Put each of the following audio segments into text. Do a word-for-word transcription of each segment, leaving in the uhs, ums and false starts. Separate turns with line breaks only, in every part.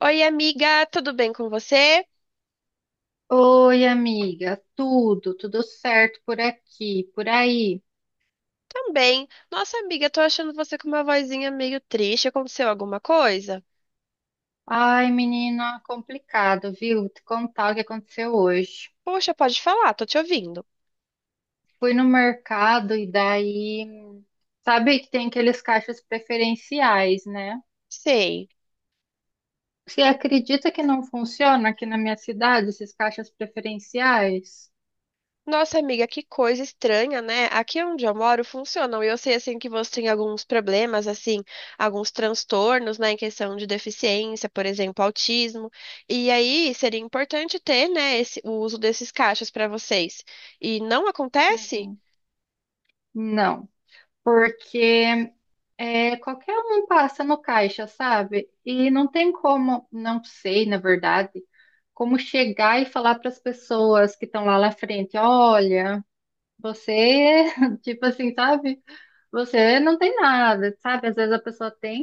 Oi, amiga, tudo bem com você?
Oi, amiga, tudo, tudo certo por aqui, por aí.
Também. Nossa, amiga, tô achando você com uma vozinha meio triste. Aconteceu alguma coisa?
Ai, menina, complicado, viu? Te contar o que aconteceu hoje.
Poxa, pode falar, tô te ouvindo.
Fui no mercado e daí, sabe que tem aqueles caixas preferenciais, né?
Sei.
Você acredita que não funciona aqui na minha cidade esses caixas preferenciais?
Nossa, amiga, que coisa estranha, né? Aqui onde eu moro funcionam. E eu sei, assim, que você tem alguns problemas, assim, alguns transtornos, né, em questão de deficiência, por exemplo, autismo. E aí seria importante ter, né, esse- o uso desses caixas pra vocês. E não acontece?
Uhum. Não, porque É, qualquer um passa no caixa, sabe? E não tem como, não sei, na verdade, como chegar e falar para as pessoas que estão lá na frente, olha, você, tipo assim, sabe? Você não tem nada, sabe? Às vezes a pessoa tem.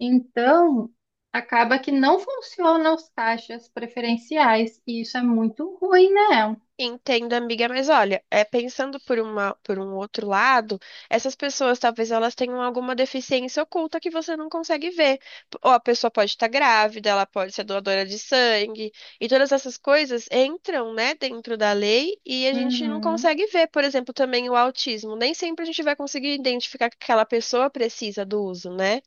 Então, acaba que não funcionam os caixas preferenciais e isso é muito ruim, né?
Entendo, amiga, mas olha, é, pensando por uma, por um outro lado, essas pessoas talvez elas tenham alguma deficiência oculta que você não consegue ver. P- Ou a pessoa pode estar grávida, ela pode ser doadora de sangue, e todas essas coisas entram, né, dentro da lei e a gente não
Uhum.
consegue ver. Por exemplo, também o autismo. Nem sempre a gente vai conseguir identificar que aquela pessoa precisa do uso, né?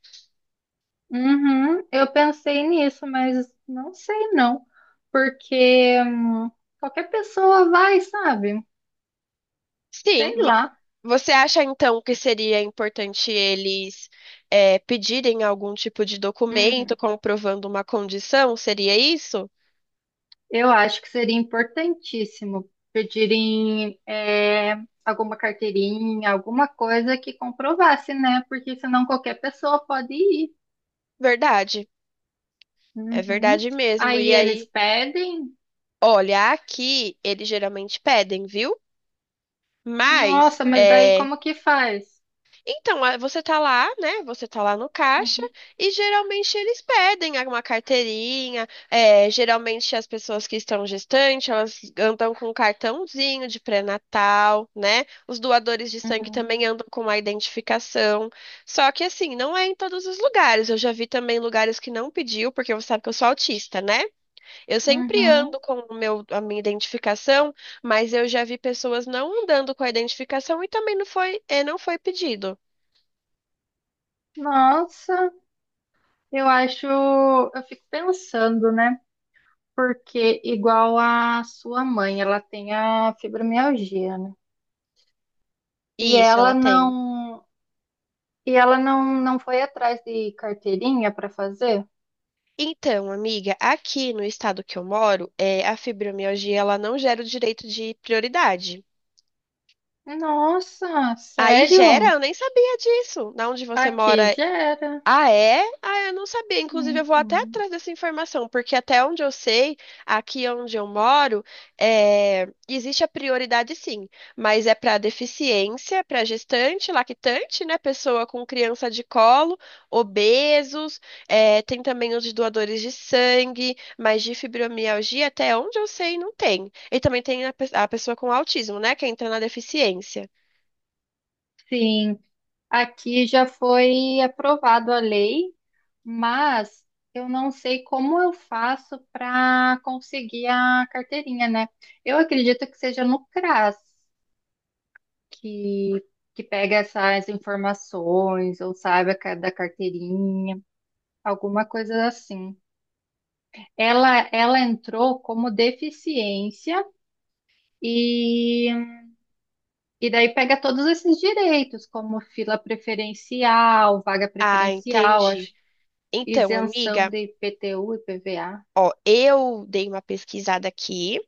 Uhum, eu pensei nisso, mas não sei não, porque hum, qualquer pessoa vai, sabe? Sei
Sim,
lá.
você acha então que seria importante eles eh, pedirem algum tipo de documento
Uhum.
comprovando uma condição? Seria isso?
Eu acho que seria importantíssimo pedirem é, alguma carteirinha, alguma coisa que comprovasse, né? Porque senão qualquer pessoa pode ir.
Verdade, é
Uhum.
verdade mesmo.
Aí
E
eles
aí,
pedem.
olha, aqui eles geralmente pedem, viu? Mas
Nossa, mas daí
eh,
como que faz?
Então, a- você tá lá, né? Você tá lá no caixa
Uhum,
e geralmente eles pedem alguma carteirinha. É, geralmente as pessoas que estão gestantes, elas andam com um cartãozinho de pré-natal, né? Os doadores de sangue
uhum,
também andam com a identificação. Só que assim, não é em todos os lugares. Eu já vi também lugares que não pediu, porque você sabe que eu sou autista, né? Eu sempre ando
uhum.
com o meu, a minha identificação, mas eu já vi pessoas não andando com a identificação e também não foi, é, não foi pedido.
Nossa. Eu acho, eu fico pensando, né? Porque igual a sua mãe, ela tem a fibromialgia, né? E
Isso,
ela
ela tem.
não, e ela não, não foi atrás de carteirinha para fazer?
Então, amiga, aqui no estado que eu moro, é, a fibromialgia ela não gera o direito de prioridade.
Nossa,
Aí gera,
sério?
eu nem sabia disso. Na onde você
Aqui
mora.
já era.
Ah, é? Ah, eu não sabia. Inclusive, eu vou até
Uhum.
atrás dessa informação, porque até onde eu sei, aqui onde eu moro, é, existe a prioridade sim, mas é para deficiência, para gestante, lactante, né? Pessoa com criança de colo, obesos, é, tem também os de doadores de sangue, mas de fibromialgia, até onde eu sei, não tem. E também tem a pe- a pessoa com autismo, né? Que entra na deficiência.
Sim, aqui já foi aprovado a lei, mas eu não sei como eu faço para conseguir a carteirinha, né? Eu acredito que seja no CRAS, que, que pega essas informações ou saiba ca- da carteirinha, alguma coisa assim. Ela, ela entrou como deficiência e, e daí pega todos esses direitos, como fila preferencial, vaga
Ah,
preferencial,
entendi.
acho,
Então,
isenção
amiga.
de I P T U e P V A.
Ó, eu dei uma pesquisada aqui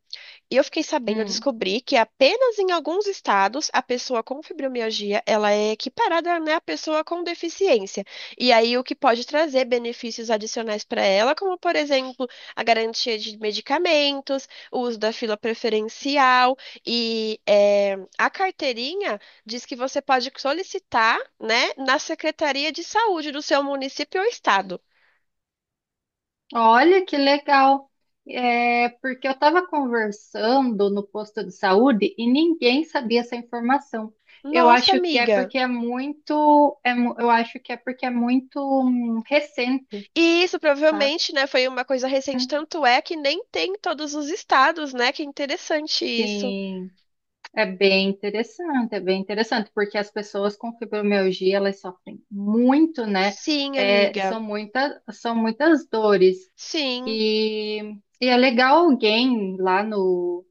e eu fiquei sabendo, eu descobri que apenas em alguns estados a pessoa com fibromialgia, ela é equiparada, né, à pessoa com deficiência. E aí o que pode trazer benefícios adicionais para ela, como por exemplo, a garantia de medicamentos, o uso da fila preferencial e eh, a carteirinha diz que você pode solicitar, né, na Secretaria de Saúde do seu município ou estado.
Olha que legal. É, porque eu estava conversando no posto de saúde e ninguém sabia essa informação. Eu
Nossa,
acho que é
amiga.
porque é muito, é mu- eu acho que é porque é muito hum, recente,
E isso
sabe?
provavelmente, né, foi uma coisa recente, tanto é que nem tem em todos os estados, né? Que é interessante isso.
Sim, é bem interessante, é bem interessante, porque as pessoas com fibromialgia, elas sofrem muito, né?
Sim,
É,
amiga.
são muitas, são muitas dores.
Sim.
E, e é legal alguém lá no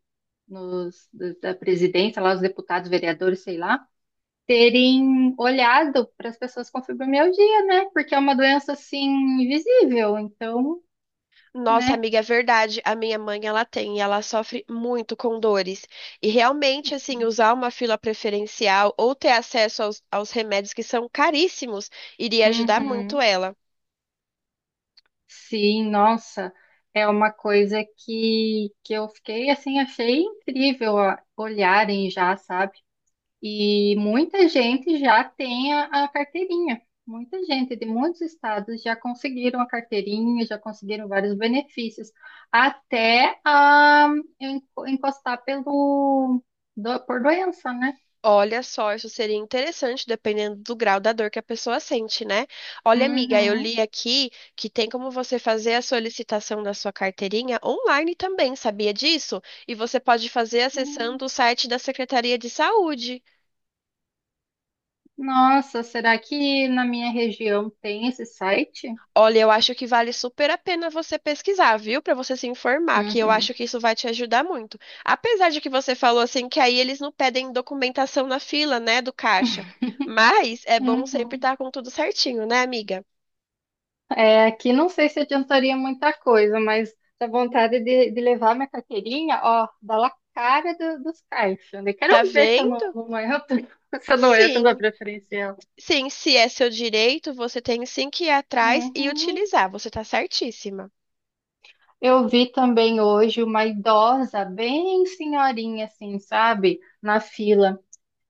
nos, da presidência, lá os deputados, vereadores, sei lá, terem olhado para as pessoas com fibromialgia, né? Porque é uma doença assim invisível, então,
Nossa,
né?
amiga, é verdade. A minha mãe, ela tem, e ela sofre muito com dores. E realmente, assim, usar uma fila preferencial ou ter acesso aos, aos remédios que são caríssimos iria ajudar muito
Uhum.
ela.
Sim, nossa, é uma coisa que, que eu fiquei assim, achei incrível ó, olharem já, sabe? E muita gente já tem a, a carteirinha. Muita gente de muitos estados já conseguiram a carteirinha, já conseguiram vários benefícios, até a en- encostar pelo do- por doença, né?
Olha só, isso seria interessante, dependendo do grau da dor que a pessoa sente, né? Olha, amiga, eu
Uhum.
li aqui que tem como você fazer a solicitação da sua carteirinha online também, sabia disso? E você pode fazer
Hum.
acessando o site da Secretaria de Saúde.
Nossa, será que na minha região tem esse site?
Olha, eu acho que vale super a pena você pesquisar, viu? Para você se informar, que eu acho
Uhum.
que isso vai te ajudar muito. Apesar de que você falou assim que aí eles não pedem documentação na fila, né, do caixa. Mas é bom sempre
Uhum.
estar com tudo certinho, né, amiga?
É, aqui não sei se adiantaria muita coisa, mas dá vontade de, de levar minha carteirinha, ó, dá lá a cara do- dos caixas, né?
Tá
Quero ver se eu não,
vendo?
não entro, se eu não entro na
Sim.
preferencial.
Sim, se é seu direito, você tem sim que ir atrás e
Uhum.
utilizar. Você tá certíssima.
Eu vi também hoje uma idosa, bem senhorinha, assim, sabe, na fila.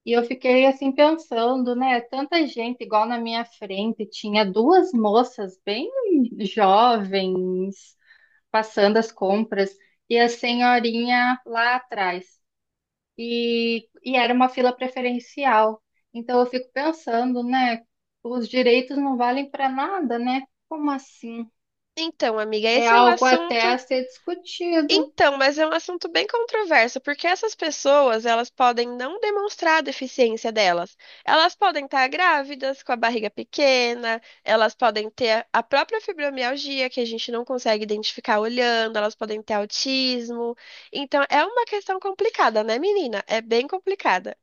E eu fiquei assim pensando, né? Tanta gente igual na minha frente, tinha duas moças bem jovens, passando as compras e a senhorinha lá atrás. E, e era uma fila preferencial. Então eu fico pensando, né? Os direitos não valem para nada, né? Como assim?
Então, amiga,
É
esse é um
algo até a
assunto.
ser discutido.
Então, mas é um assunto bem controverso, porque essas pessoas, elas podem não demonstrar a deficiência delas. Elas podem estar grávidas, com a barriga pequena, elas podem ter a própria fibromialgia, que a gente não consegue identificar olhando, elas podem ter autismo. Então, é uma questão complicada, né, menina? É bem complicada.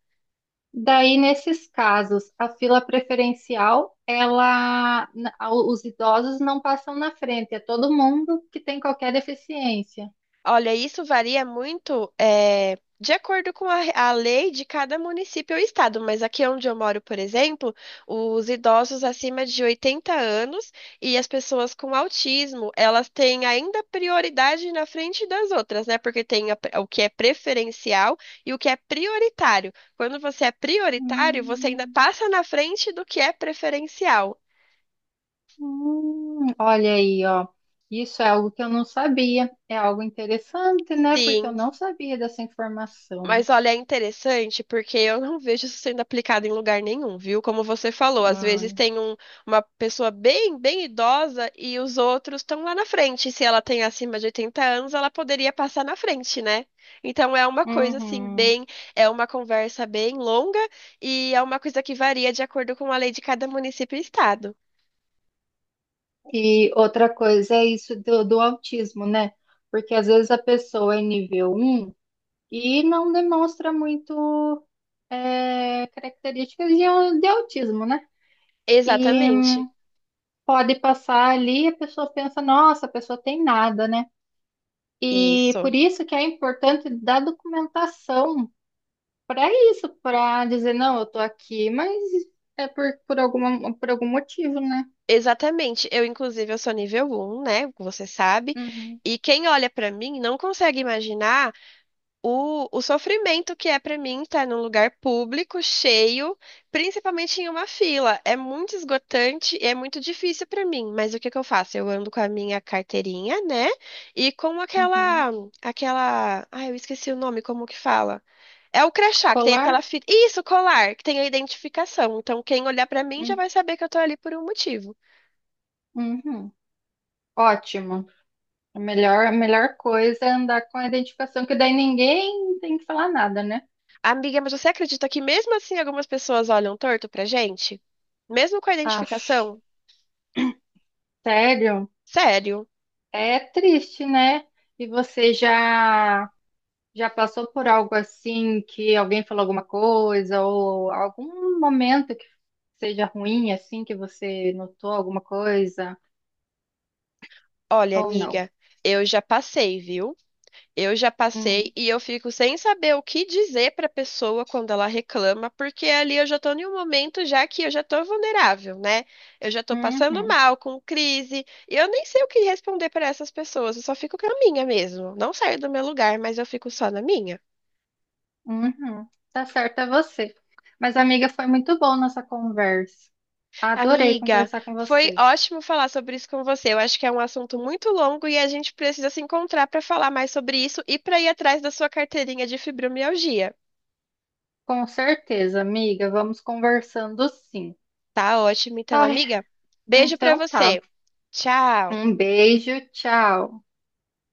Daí, nesses casos, a fila preferencial, ela, na- os idosos não passam na frente, é todo mundo que tem qualquer deficiência.
Olha, isso varia muito, eh, de acordo com a, a lei de cada município ou estado, mas aqui onde eu moro, por exemplo, os idosos acima de oitenta anos e as pessoas com autismo, elas têm ainda prioridade na frente das outras, né? Porque tem a pre- o que é preferencial e o que é prioritário. Quando você é prioritário, você ainda
Hum.
passa na frente do que é preferencial.
Hum, olha aí, ó. Isso é algo que eu não sabia. É algo interessante, né? Porque eu
Sim.
não sabia dessa informação.
Mas olha, é interessante porque eu não vejo isso sendo aplicado em lugar nenhum, viu? Como você falou, às vezes
Olha.
tem um- uma pessoa bem, bem idosa e os outros estão lá na frente. Se ela tem acima de oitenta anos, ela poderia passar na frente, né? Então é uma coisa assim,
Uhum.
bem, é uma conversa bem longa e é uma coisa que varia de acordo com a lei de cada município e estado.
E outra coisa é isso do, do autismo, né? Porque às vezes a pessoa é nível um e não demonstra muito é, características de, de autismo, né? E
Exatamente.
pode passar ali a pessoa pensa, nossa, a pessoa tem nada, né? E
Isso.
por isso que é importante da documentação para isso, para dizer, não, eu tô aqui, mas é por, por alguma, por algum motivo, né?
Exatamente. Eu, inclusive, eu sou nível um, né? Como você sabe.
Uhum,
E quem olha pra mim não consegue imaginar o, o sofrimento que é pra mim estar num lugar público, cheio, principalmente em uma fila. É muito esgotante e é muito difícil pra mim. Mas o que que eu faço? Eu ando com a minha carteirinha, né? E com
uhum.
aquela, aquela, ai, eu esqueci o nome, como que fala? É o crachá, que tem aquela
Colar?
fita. Isso, colar, que tem a identificação. Então, quem olhar pra mim já
Hum,
vai saber que eu tô ali por um motivo.
Uhum. Ótimo. A melhor, a melhor coisa é andar com a identificação, que daí ninguém tem que falar nada, né?
Amiga, mas você acredita que mesmo assim algumas pessoas olham torto pra gente? Mesmo com a
Aff,
identificação?
sério?
Sério?
É triste, né? E você já já passou por algo assim que alguém falou alguma coisa ou algum momento que seja ruim assim que você notou alguma coisa?
Olha,
Ou não.
amiga, eu já passei, viu? Eu já passei
Hum,
e eu fico sem saber o que dizer pra pessoa quando ela reclama, porque ali eu já tô em um momento já que eu já tô vulnerável, né? Eu já tô passando
uhum,
mal, com crise, e eu nem sei o que responder pra essas pessoas, eu só fico com a minha mesmo. Não saio do meu lugar, mas eu fico só na minha.
uhum. Tá certo, é você. Mas, amiga, foi muito bom nossa conversa. Adorei
Amiga,
conversar com
foi
você.
ótimo falar sobre isso com você. Eu acho que é um assunto muito longo e a gente precisa se encontrar para falar mais sobre isso e para ir atrás da sua carteirinha de fibromialgia.
Com certeza, amiga. Vamos conversando sim.
Tá ótimo, então,
Ai,
amiga. Beijo para
então tá.
você. Tchau.
Um beijo, tchau.